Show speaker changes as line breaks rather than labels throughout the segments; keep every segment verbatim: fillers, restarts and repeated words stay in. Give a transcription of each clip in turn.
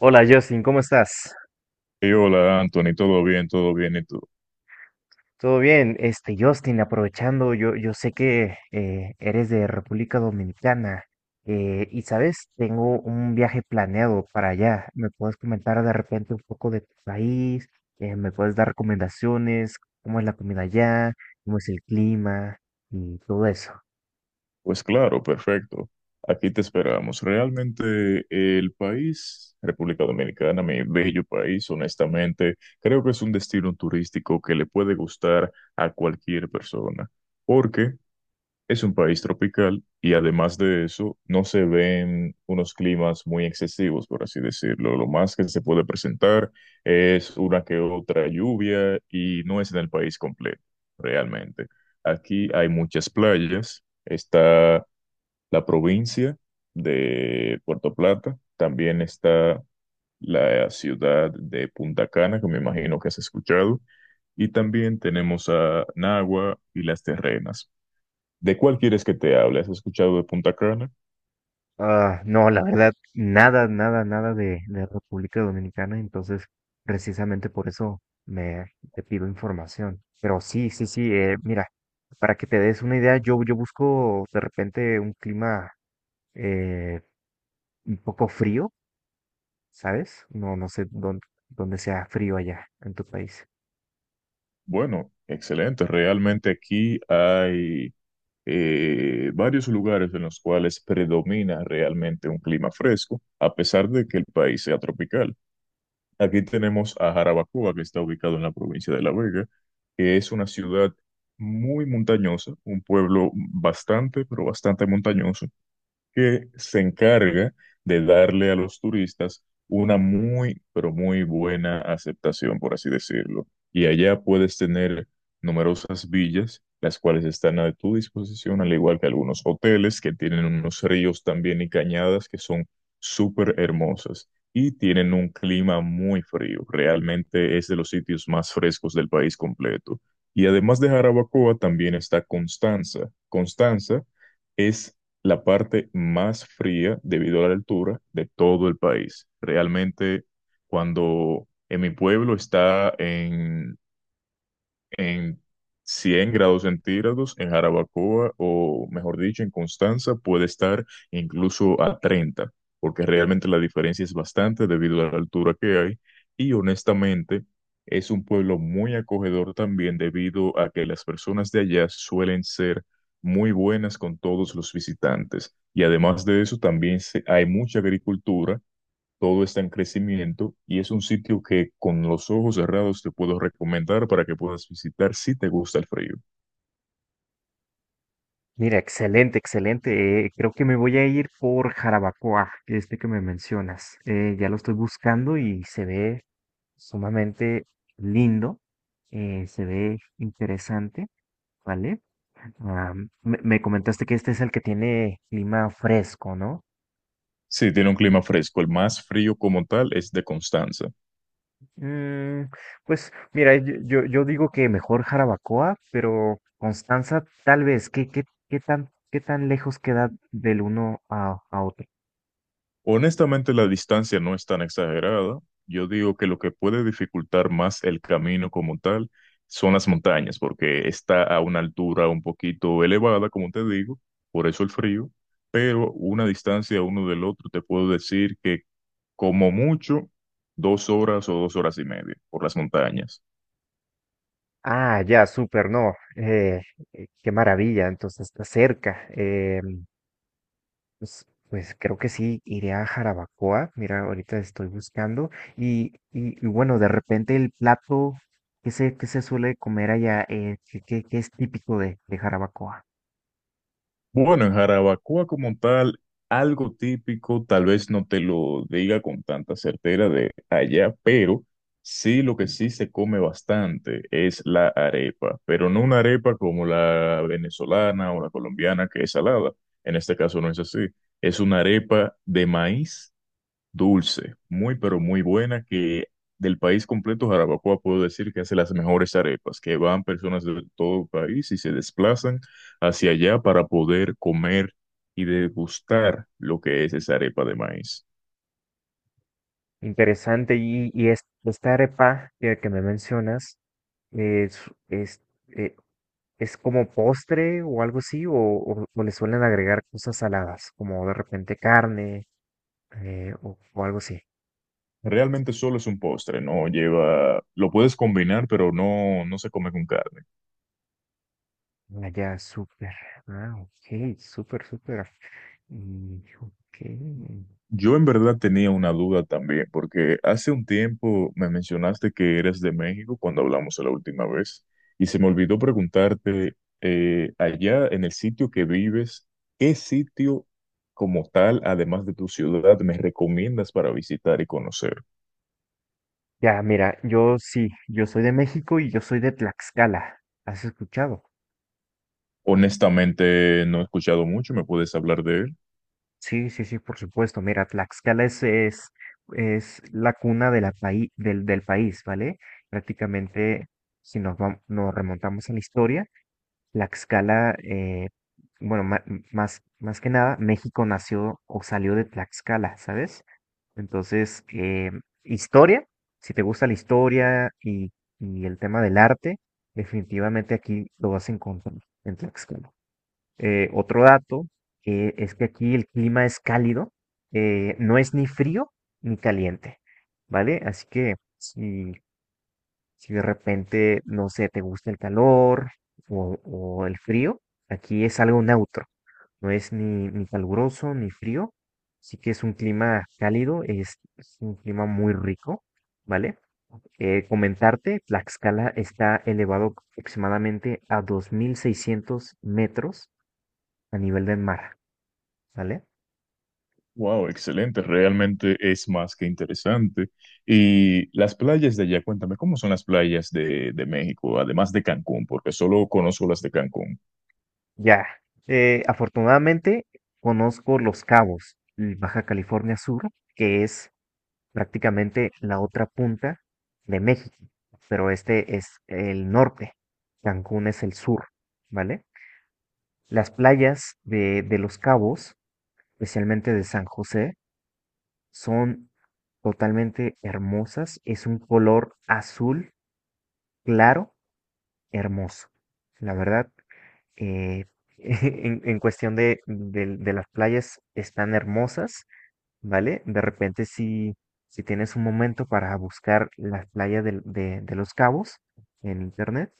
Hola Justin, ¿cómo estás?
Y hola, Anthony, ¿todo bien? ¿Todo bien? ¿Y tú?
¿Todo bien? Este, Justin, aprovechando, yo, yo sé que eh, eres de República Dominicana eh, y sabes, tengo un viaje planeado para allá. ¿Me puedes comentar de repente un poco de tu país? Eh, ¿me puedes dar recomendaciones? ¿Cómo es la comida allá? ¿Cómo es el clima? Y todo eso.
Pues claro, perfecto. Aquí te esperamos. Realmente el país, República Dominicana, mi bello país, honestamente, creo que es un destino turístico que le puede gustar a cualquier persona. Porque es un país tropical y además de eso no se ven unos climas muy excesivos, por así decirlo. Lo más que se puede presentar es una que otra lluvia y no es en el país completo, realmente. Aquí hay muchas playas. Está la provincia de Puerto Plata. También está la ciudad de Punta Cana, que me imagino que has escuchado. Y también tenemos a Nagua y Las Terrenas. ¿De cuál quieres que te hable? ¿Has escuchado de Punta Cana?
Ah, no, la verdad, nada, nada, nada de, de República Dominicana, entonces precisamente por eso me te pido información. Pero sí, sí, sí, eh, mira, para que te des una idea, yo, yo busco de repente un clima eh, un poco frío, ¿sabes? No, no sé dónde, dónde sea frío allá en tu país.
Bueno, excelente. Realmente aquí hay eh, varios lugares en los cuales predomina realmente un clima fresco, a pesar de que el país sea tropical. Aquí tenemos a Jarabacoa, que está ubicado en la provincia de La Vega, que es una ciudad muy montañosa, un pueblo bastante, pero bastante montañoso, que se encarga de darle a los turistas una muy, pero muy buena aceptación, por así decirlo. Y allá puedes tener numerosas villas, las cuales están a tu disposición, al igual que algunos hoteles que tienen unos ríos también y cañadas que son súper hermosas. Y tienen un clima muy frío. Realmente es de los sitios más frescos del país completo. Y además de Jarabacoa, también está Constanza. Constanza es la parte más fría debido a la altura de todo el país. Realmente, cuando en mi pueblo está en en cien grados centígrados, en Jarabacoa o mejor dicho, en Constanza puede estar incluso a treinta, porque realmente la diferencia es bastante debido a la altura que hay, y honestamente es un pueblo muy acogedor también debido a que las personas de allá suelen ser muy buenas con todos los visitantes, y además de eso también se- hay mucha agricultura, todo está en crecimiento y es un sitio que con los ojos cerrados te puedo recomendar para que puedas visitar si te gusta el frío.
Mira, excelente, excelente. Eh, creo que me voy a ir por Jarabacoa, este que me mencionas. Eh, ya lo estoy buscando y se ve sumamente lindo, eh, se ve interesante, ¿vale? Ah, me, me comentaste que este es el que tiene clima fresco, ¿no?
Sí, tiene un clima fresco. El más frío como tal es de Constanza.
Mm, pues mira, yo, yo, yo digo que mejor Jarabacoa, pero Constanza tal vez, ¿qué, qué, qué tan, qué tan lejos queda del uno a, a otro?
Honestamente, la distancia no es tan exagerada. Yo digo que lo que puede dificultar más el camino como tal son las montañas, porque está a una altura un poquito elevada, como te digo, por eso el frío, pero una distancia uno del otro te puedo decir que como mucho, dos horas o dos horas y media por las montañas.
Ah, ya, súper, no. Eh, eh, qué maravilla, entonces está cerca. Pues, pues creo que sí, iré a Jarabacoa. Mira, ahorita estoy buscando. Y, y, y bueno, de repente el plato que se, que se suele comer allá, eh, que, que- que es típico de, de Jarabacoa.
Bueno, en Jarabacoa como tal, algo típico, tal vez no te lo diga con tanta certeza de allá, pero sí, lo que sí se come bastante es la arepa, pero no una arepa como la venezolana o la colombiana que es salada. En este caso no es así. Es una arepa de maíz dulce, muy pero muy buena, que del país completo, Jarabacoa, puedo decir que hace las mejores arepas, que van personas de todo el país y se desplazan hacia allá para poder comer y degustar lo que es esa arepa de maíz.
Interesante. Y, y es- esta arepa que, que me mencionas, eh, es, es, eh, ¿es como postre o algo así? O, o, o le suelen agregar cosas saladas, como de repente carne eh, o, o algo así?
Realmente solo es un postre, no lleva, lo puedes combinar, pero no, no se come con carne.
Ah, ya, súper. Ah, ok, súper, súper. Mm, ok.
Yo en verdad tenía una duda también, porque hace un tiempo me mencionaste que eres de México cuando hablamos la última vez, y se me olvidó preguntarte, eh, allá en el sitio que vives, ¿qué sitio como tal, además de tu ciudad, me recomiendas para visitar y conocer?
Ya, mira, yo sí, yo soy de México y yo soy de Tlaxcala. ¿Has escuchado?
Honestamente, no he escuchado mucho, ¿me puedes hablar de él?
Sí, sí, sí, por supuesto. Mira, Tlaxcala es, es, es la cuna de la paí- del, del país, ¿vale? Prácticamente, si nos, vam- nos remontamos a la historia, Tlaxcala, eh, bueno, ma- más, más que nada, México nació o salió de Tlaxcala, ¿sabes? Entonces, eh, historia, si te gusta la historia y, y el tema del arte, definitivamente aquí lo vas a encontrar en Tlaxcala. Eh, otro dato eh, es que aquí el clima es cálido, eh, no es ni frío ni caliente, ¿vale? Así que si, si de repente, no sé, te gusta el calor o, o el frío, aquí es algo neutro. No es ni, ni caluroso ni frío, sí que es un clima cálido, es, es un clima muy rico, ¿vale? Eh, comentarte, Tlaxcala está elevado aproximadamente a dos mil seiscientos metros a nivel del mar, ¿vale?
Wow, excelente, realmente es más que interesante. Y las playas de allá, cuéntame, ¿cómo son las playas de, de México, además de Cancún? Porque solo conozco las de Cancún.
Ya, eh, afortunadamente conozco Los Cabos, y Baja California Sur, que es prácticamente la otra punta de México, pero este es el norte, Cancún es el sur, ¿vale? Las playas de, de Los Cabos, especialmente de San José, son totalmente hermosas. Es un color azul claro, hermoso. La verdad, eh, en, en cuestión de, de- de las playas están hermosas, ¿vale? De repente si, si tienes un momento para buscar las playas del- de, de Los Cabos en internet,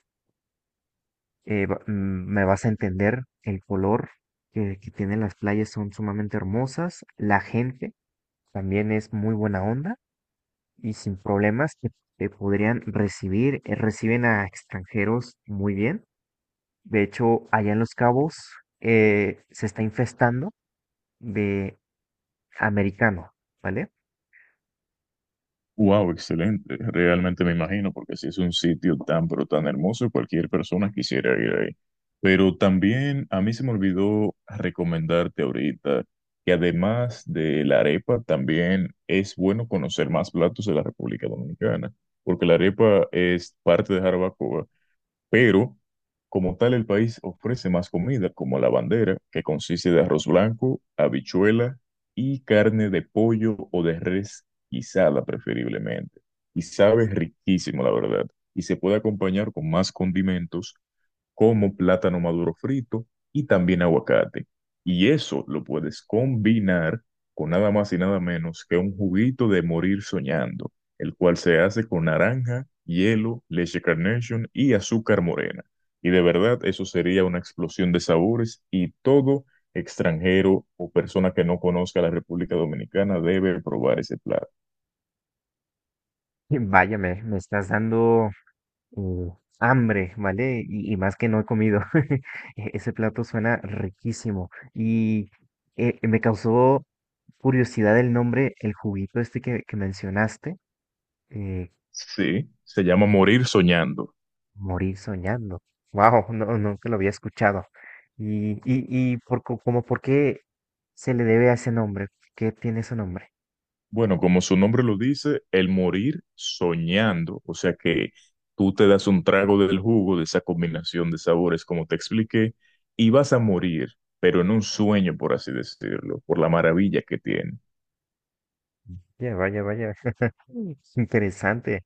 eh, va- mm, me vas a entender, el color que, que tienen las playas son sumamente hermosas, la gente también es muy buena onda y sin problemas que te podrían recibir, eh, reciben a extranjeros muy bien. De hecho, allá en Los Cabos eh, se está infestando de americano, ¿vale?
Wow, excelente, realmente me imagino, porque si es un sitio tan, pero tan hermoso, cualquier persona quisiera ir ahí. Pero también a mí se me olvidó recomendarte ahorita que además de la arepa, también es bueno conocer más platos de la República Dominicana, porque la arepa es parte de Jarabacoa. Pero, como tal, el país ofrece más comida, como la bandera, que consiste de arroz blanco, habichuela y carne de pollo o de res guisada, preferiblemente. Y sabe riquísimo, la verdad. Y se puede acompañar con más condimentos como plátano maduro frito y también aguacate. Y eso lo puedes combinar con nada más y nada menos que un juguito de morir soñando, el cual se hace con naranja, hielo, leche Carnation y azúcar morena. Y de verdad, eso sería una explosión de sabores, y todo extranjero o persona que no conozca la República Dominicana debe probar ese plato.
Vaya, me, me estás dando Uh, hambre, ¿vale? Y, y más que no he comido. E- Ese plato suena riquísimo. Y eh, me causó curiosidad el nombre, el juguito este que, que mencionaste. eh,
Sí, se llama morir soñando.
Morir soñando. Wow, no, nunca lo había escuchado. Y, y, y por, co- como por qué se le debe a ese nombre. ¿Qué tiene ese nombre?
Bueno, como su nombre lo dice, el morir soñando, o sea que tú te das un trago del jugo de esa combinación de sabores, como te expliqué, y vas a morir, pero en un sueño, por así decirlo, por la maravilla que tiene.
Ya, vaya, vaya. Interesante.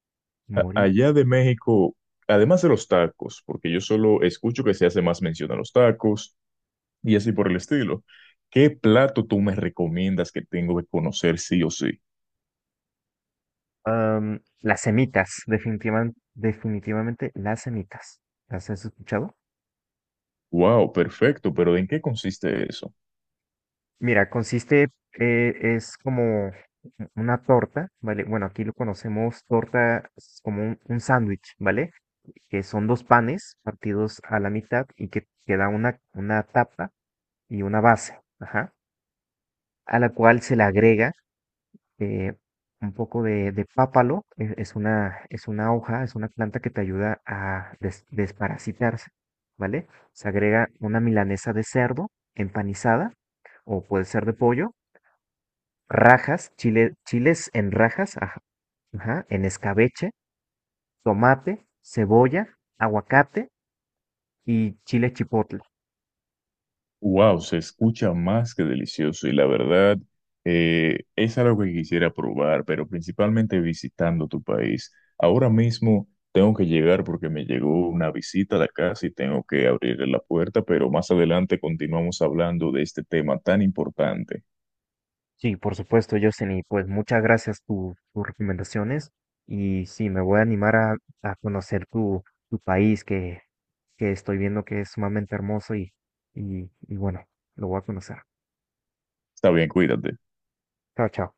A-
Morir.
allá de México, además de los tacos, porque yo solo escucho que se hace más mención a los tacos y así por el estilo, ¿qué plato tú me recomiendas que tengo que conocer sí o sí?
Am, las semitas, definitivamente, definitivamente las semitas. ¿Las has escuchado?
Wow, perfecto, pero ¿en qué consiste eso?
Mira, consiste, eh, es como una torta, ¿vale? Bueno, aquí lo conocemos torta es como un, un sándwich, ¿vale? Que son dos panes partidos a la mitad y que queda una, una tapa y una base, ajá, a la cual se le agrega eh, un poco de, de pápalo, es, es una, es una hoja, es una planta que te ayuda a des- desparasitarse, ¿vale? Se agrega una milanesa de cerdo empanizada o puede ser de pollo, rajas, chile, chiles en rajas, ajá, ajá, en escabeche, tomate, cebolla, aguacate y chile chipotle.
Wow, se escucha más que delicioso y la verdad eh, es algo que quisiera probar, pero principalmente visitando tu país. Ahora mismo tengo que llegar porque me llegó una visita a la casa y tengo que abrirle la puerta, pero más adelante continuamos hablando de este tema tan importante.
Sí, por supuesto, Justin, y pues muchas gracias por tus recomendaciones. Y sí, me voy a animar a, a conocer tu, tu país que, que estoy viendo que es sumamente hermoso y, y, y bueno, lo voy a conocer.
Está bien, cuídate.
Chao, chao.